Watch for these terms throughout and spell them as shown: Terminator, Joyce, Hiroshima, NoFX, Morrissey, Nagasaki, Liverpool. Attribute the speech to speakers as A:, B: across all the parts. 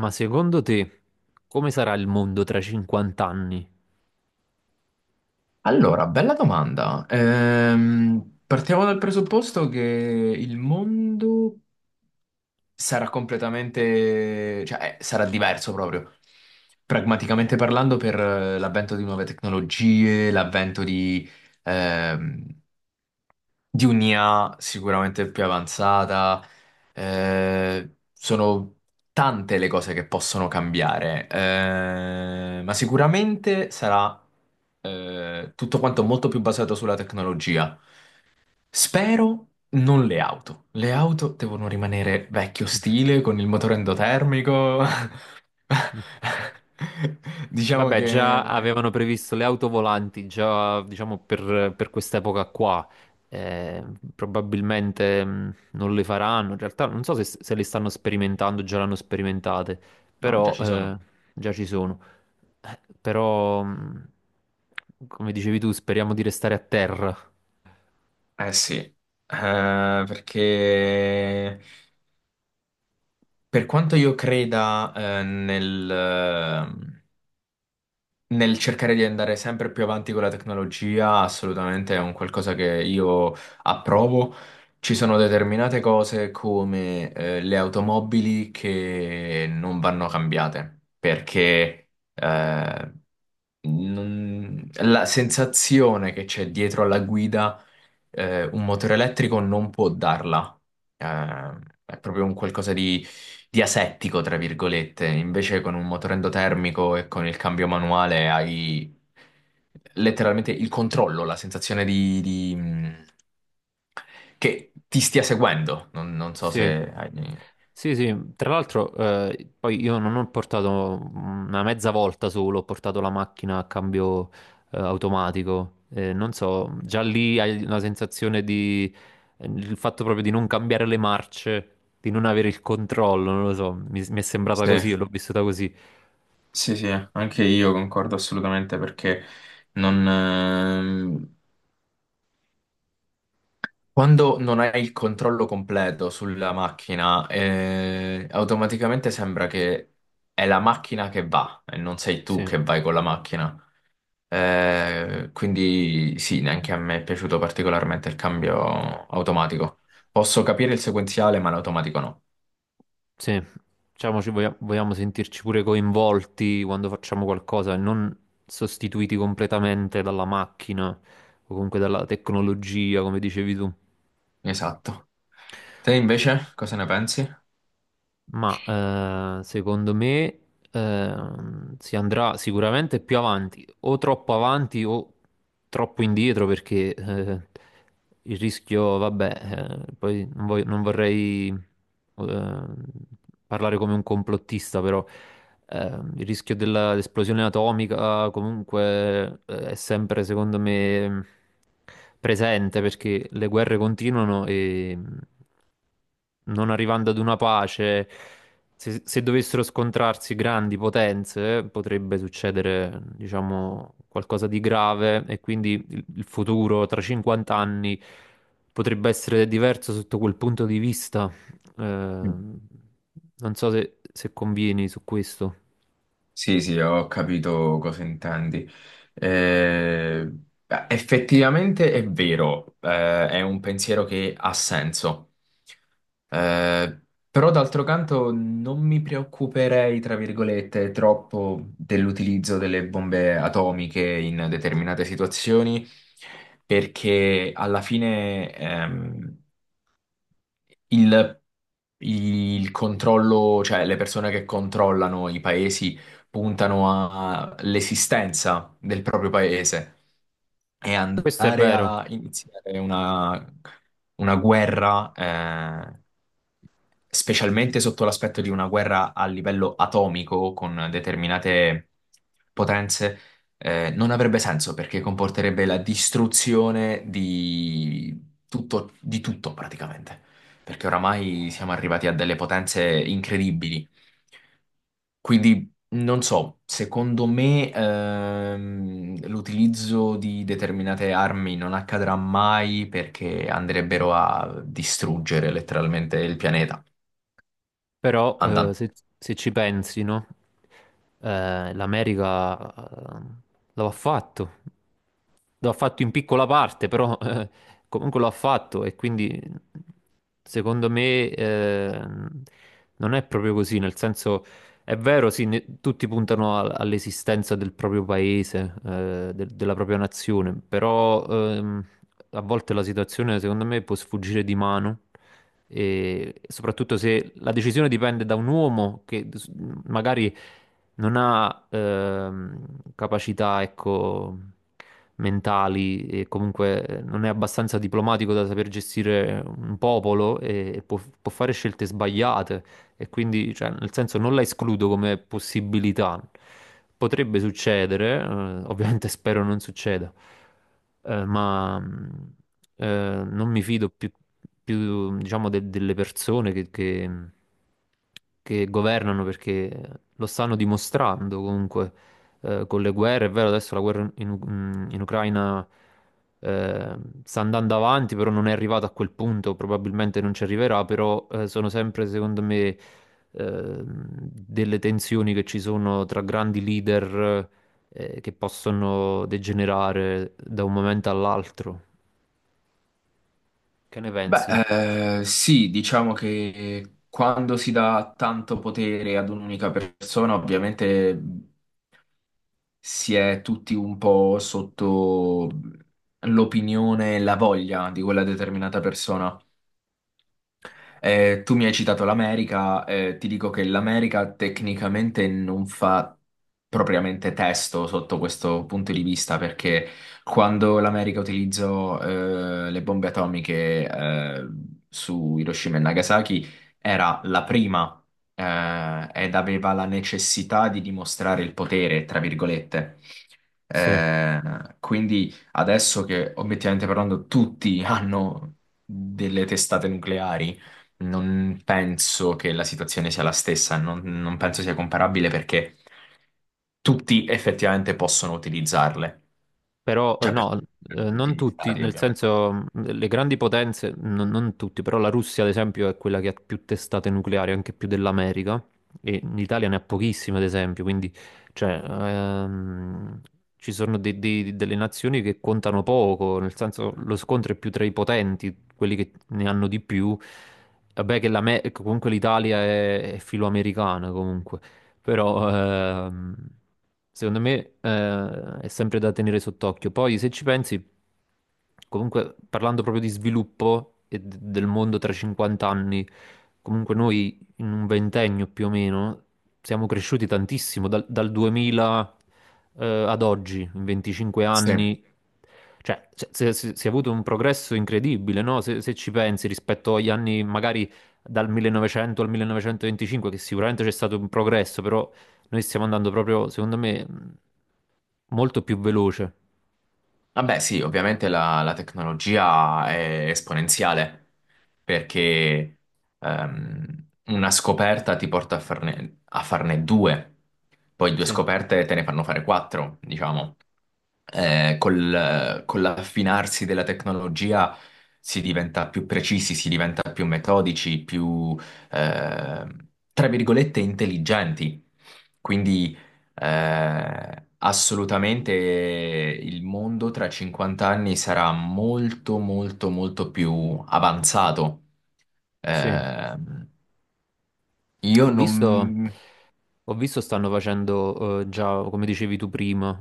A: Ma secondo te come sarà il mondo tra 50 anni?
B: Allora, bella domanda. Partiamo dal presupposto che il mondo sarà completamente, cioè, sarà diverso proprio. Pragmaticamente parlando, per l'avvento di nuove tecnologie, ehm, di un'IA sicuramente più avanzata, sono tante le cose che possono cambiare, ma sicuramente sarà tutto quanto molto più basato sulla tecnologia. Spero non le auto. Le auto devono rimanere vecchio stile, con il motore endotermico.
A: Mm.
B: Diciamo
A: Vabbè, già
B: che...
A: avevano previsto le auto volanti, già diciamo per quest'epoca qua. Eh, probabilmente non le faranno. In realtà non so se le stanno sperimentando, già l'hanno sperimentate,
B: No, già
A: però
B: ci sono.
A: già ci sono. Però, come dicevi tu, speriamo di restare a terra.
B: Eh sì. Perché... Per quanto io creda, eh, nel, ehm, nel cercare di andare sempre più avanti con la tecnologia, assolutamente è un qualcosa che io approvo. Ci sono determinate cose come, le automobili che non vanno cambiate, perché, eh, la sensazione che c'è dietro alla guida, un motore elettrico non può darla. Eh, è proprio un qualcosa di asettico, tra virgolette. Invece con un motore endotermico e con il cambio manuale hai letteralmente il controllo, la sensazione che ti stia seguendo. Non so
A: Sì.
B: se hai...
A: Sì, sì, tra l'altro poi io non ho portato una mezza volta solo, ho portato la macchina a cambio automatico. Non so, già lì hai una sensazione di il fatto proprio di non cambiare le marce, di non avere il controllo, non lo so, mi è sembrata
B: Sì,
A: così, l'ho vissuta così.
B: sì, sì, anche io concordo assolutamente perché non... Quando non hai il controllo completo sulla macchina, automaticamente sembra che è la macchina che va e non sei tu
A: Sì.
B: che vai con la macchina. Quindi sì, neanche a me è piaciuto particolarmente il cambio automatico. Posso capire il sequenziale, ma l'automatico no.
A: Sì, diciamo, vogliamo sentirci pure coinvolti quando facciamo qualcosa e non sostituiti completamente dalla macchina o comunque dalla tecnologia, come dicevi tu.
B: Esatto. Te invece cosa ne pensi?
A: Ma secondo me si andrà sicuramente più avanti o troppo indietro, perché il rischio, vabbè, poi non, non vorrei eh, parlare come un complottista, però il rischio dell'esplosione atomica comunque è sempre, secondo me, presente, perché le guerre continuano e non arrivando ad una pace, se dovessero scontrarsi grandi potenze, potrebbe succedere, diciamo, qualcosa di grave e quindi il futuro tra 50 anni potrebbe essere diverso sotto quel punto di vista. Non so se convieni su questo.
B: Sì, sì, ho capito cosa intendi. Eh, Beh, effettivamente è vero, è un pensiero che ha senso. Eh, Però d'altro canto non mi preoccuperei, tra virgolette, troppo dell'utilizzo delle bombe atomiche in determinate situazioni, perché alla fine, il, il controllo, cioè le persone che controllano i paesi puntano all'esistenza del proprio paese, e
A: Questo è
B: andare
A: vero,
B: a iniziare una guerra, specialmente sotto l'aspetto di una guerra a livello atomico con determinate potenze, non avrebbe senso perché comporterebbe la distruzione di tutto praticamente. Perché oramai siamo arrivati a delle potenze incredibili. Quindi non so, secondo me, l'utilizzo di determinate armi non accadrà mai perché andrebbero a distruggere letteralmente il pianeta.
A: però
B: Andando.
A: se ci pensi, no? l'America lo ha fatto. L'ha fatto in piccola parte, però comunque l'ha fatto e quindi secondo me non è proprio così, nel senso è vero, sì, tutti puntano all'esistenza del proprio paese, della propria nazione, però a volte la situazione secondo me può sfuggire di mano, e soprattutto se la decisione dipende da un uomo che magari non ha capacità, ecco, mentali e comunque non è abbastanza diplomatico da saper gestire un popolo e può fare scelte sbagliate. E quindi, cioè, nel senso, non la escludo come possibilità. Potrebbe succedere, ovviamente spero non succeda, ma non mi fido più, diciamo, delle persone che governano perché lo stanno dimostrando comunque con le guerre. È vero, adesso la guerra in Ucraina sta andando avanti, però non è arrivata a quel punto, probabilmente non ci arriverà, però sono sempre, secondo me delle tensioni che ci sono tra grandi leader che possono degenerare da un momento all'altro. Che ne pensi?
B: Beh, sì, diciamo che quando si dà tanto potere ad un'unica persona, ovviamente si è tutti un po' sotto l'opinione e la voglia di quella determinata persona. Tu mi hai citato l'America, ti dico che l'America tecnicamente non fa propriamente testo sotto questo punto di vista, perché quando l'America utilizzò le bombe atomiche su Hiroshima e Nagasaki era la prima ed aveva la necessità di dimostrare il potere, tra virgolette.
A: Sì.
B: Eh, quindi adesso che obiettivamente parlando tutti hanno delle testate nucleari non penso che la situazione sia la stessa, non penso sia comparabile perché tutti effettivamente possono utilizzarle.
A: Però
B: Cioè, per
A: no,
B: tutti
A: non
B: gli
A: tutti,
B: stati,
A: nel
B: ovviamente.
A: senso le grandi potenze, non tutti, però la Russia ad esempio è quella che ha più testate nucleari, anche più dell'America, e l'Italia ne ha pochissime ad esempio, quindi cioè, ci sono delle nazioni che contano poco, nel senso lo scontro è più tra i potenti, quelli che ne hanno di più, vabbè che comunque l'Italia è filoamericana comunque però ehm, secondo me è sempre da tenere sott'occhio. Poi se ci pensi, comunque parlando proprio di sviluppo e del mondo tra 50 anni, comunque noi in un ventennio più o meno siamo cresciuti tantissimo dal 2000 ad oggi, in 25
B: Sì.
A: anni. Cioè, si è avuto un progresso incredibile, no? Se ci pensi rispetto agli anni magari dal 1900 al 1925, che sicuramente c'è stato un progresso, però noi stiamo andando proprio, secondo me, molto più veloce.
B: Vabbè, sì, ovviamente la, la tecnologia è esponenziale perché una scoperta ti porta a a farne due, poi due
A: Sì,
B: scoperte te ne fanno fare quattro, diciamo. Col con l'affinarsi della tecnologia si diventa più precisi, si diventa più metodici, più, eh, tra virgolette, intelligenti. Quindi, assolutamente il mondo tra 50 anni sarà molto, molto, molto più avanzato.
A: sì.
B: Eh, io
A: Ho visto,
B: non...
A: Ho visto stanno facendo già, come dicevi tu prima,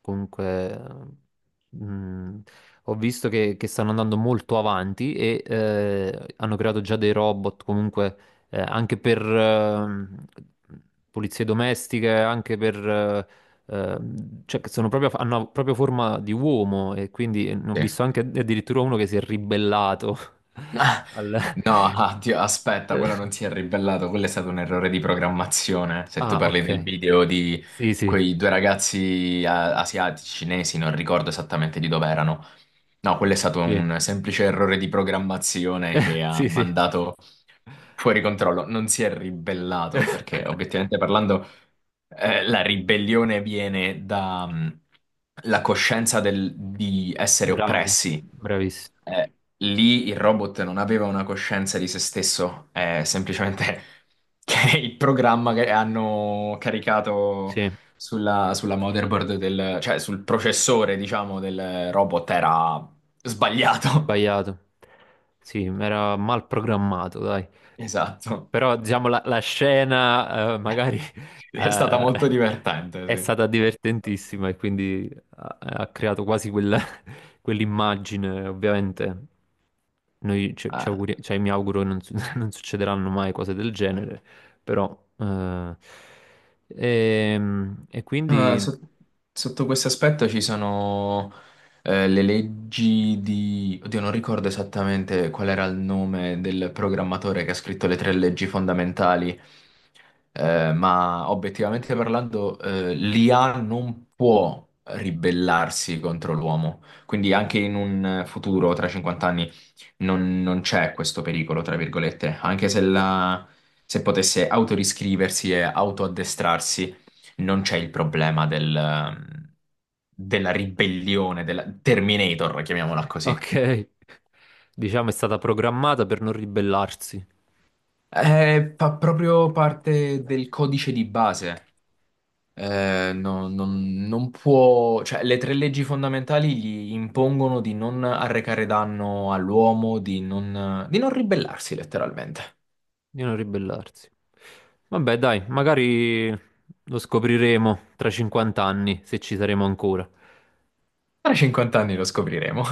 A: comunque, mm, ho visto che stanno andando molto avanti e hanno creato già dei robot comunque anche per pulizie domestiche, anche per, cioè che sono proprio, hanno proprio forma di uomo e quindi ho
B: Sì.
A: visto anche addirittura uno che si è ribellato
B: Ah,
A: al...
B: no, ah, Dio, aspetta,
A: Eh,
B: quello non si è ribellato, quello è stato un errore di programmazione. Se tu
A: Ah,
B: parli del
A: ok.
B: video di
A: Sì, sì,
B: quei due ragazzi asiatici, cinesi, non ricordo esattamente di dove erano. No, quello è stato
A: sì.
B: un semplice errore di programmazione
A: Eh,
B: che ha
A: Sì, sì.
B: mandato fuori controllo, non si è ribellato perché obiettivamente parlando la ribellione viene dalla coscienza di essere
A: Bravo,
B: oppressi.
A: bravissimo.
B: Lì il robot non aveva una coscienza di se stesso, è semplicemente che il programma che hanno caricato
A: Sì,
B: sulla, sulla motherboard del, cioè sul processore, diciamo, del robot era sbagliato.
A: sbagliato. Sì, era mal programmato, dai.
B: Esatto.
A: Però, diciamo, la scena, magari,
B: È stata
A: eh,
B: molto
A: è
B: divertente, sì.
A: stata divertentissima e quindi ha creato quasi quell'immagine. Ovviamente, noi
B: Ah,
A: cioè, mi auguro non, non succederanno mai cose del genere, però, e
B: ah,
A: quindi.
B: sotto questo aspetto ci sono le leggi di... Oddio, non ricordo esattamente qual era il nome del programmatore che ha scritto le tre leggi fondamentali, ma obiettivamente parlando, l'IA non può ribellarsi contro l'uomo. Quindi anche in un futuro, tra 50 anni, non c'è questo pericolo, tra virgolette, anche se, se potesse autoriscriversi e autoaddestrarsi, non c'è il problema della ribellione, della Terminator, chiamiamola così.
A: Ok, diciamo, è stata programmata per non ribellarsi,
B: È fa proprio parte del codice di base. Non può, cioè, le tre leggi fondamentali gli impongono di non arrecare danno all'uomo, di non ribellarsi letteralmente.
A: di non ribellarsi. Vabbè, dai, magari lo scopriremo tra 50 anni, se ci saremo ancora.
B: Tra 50 anni lo scopriremo.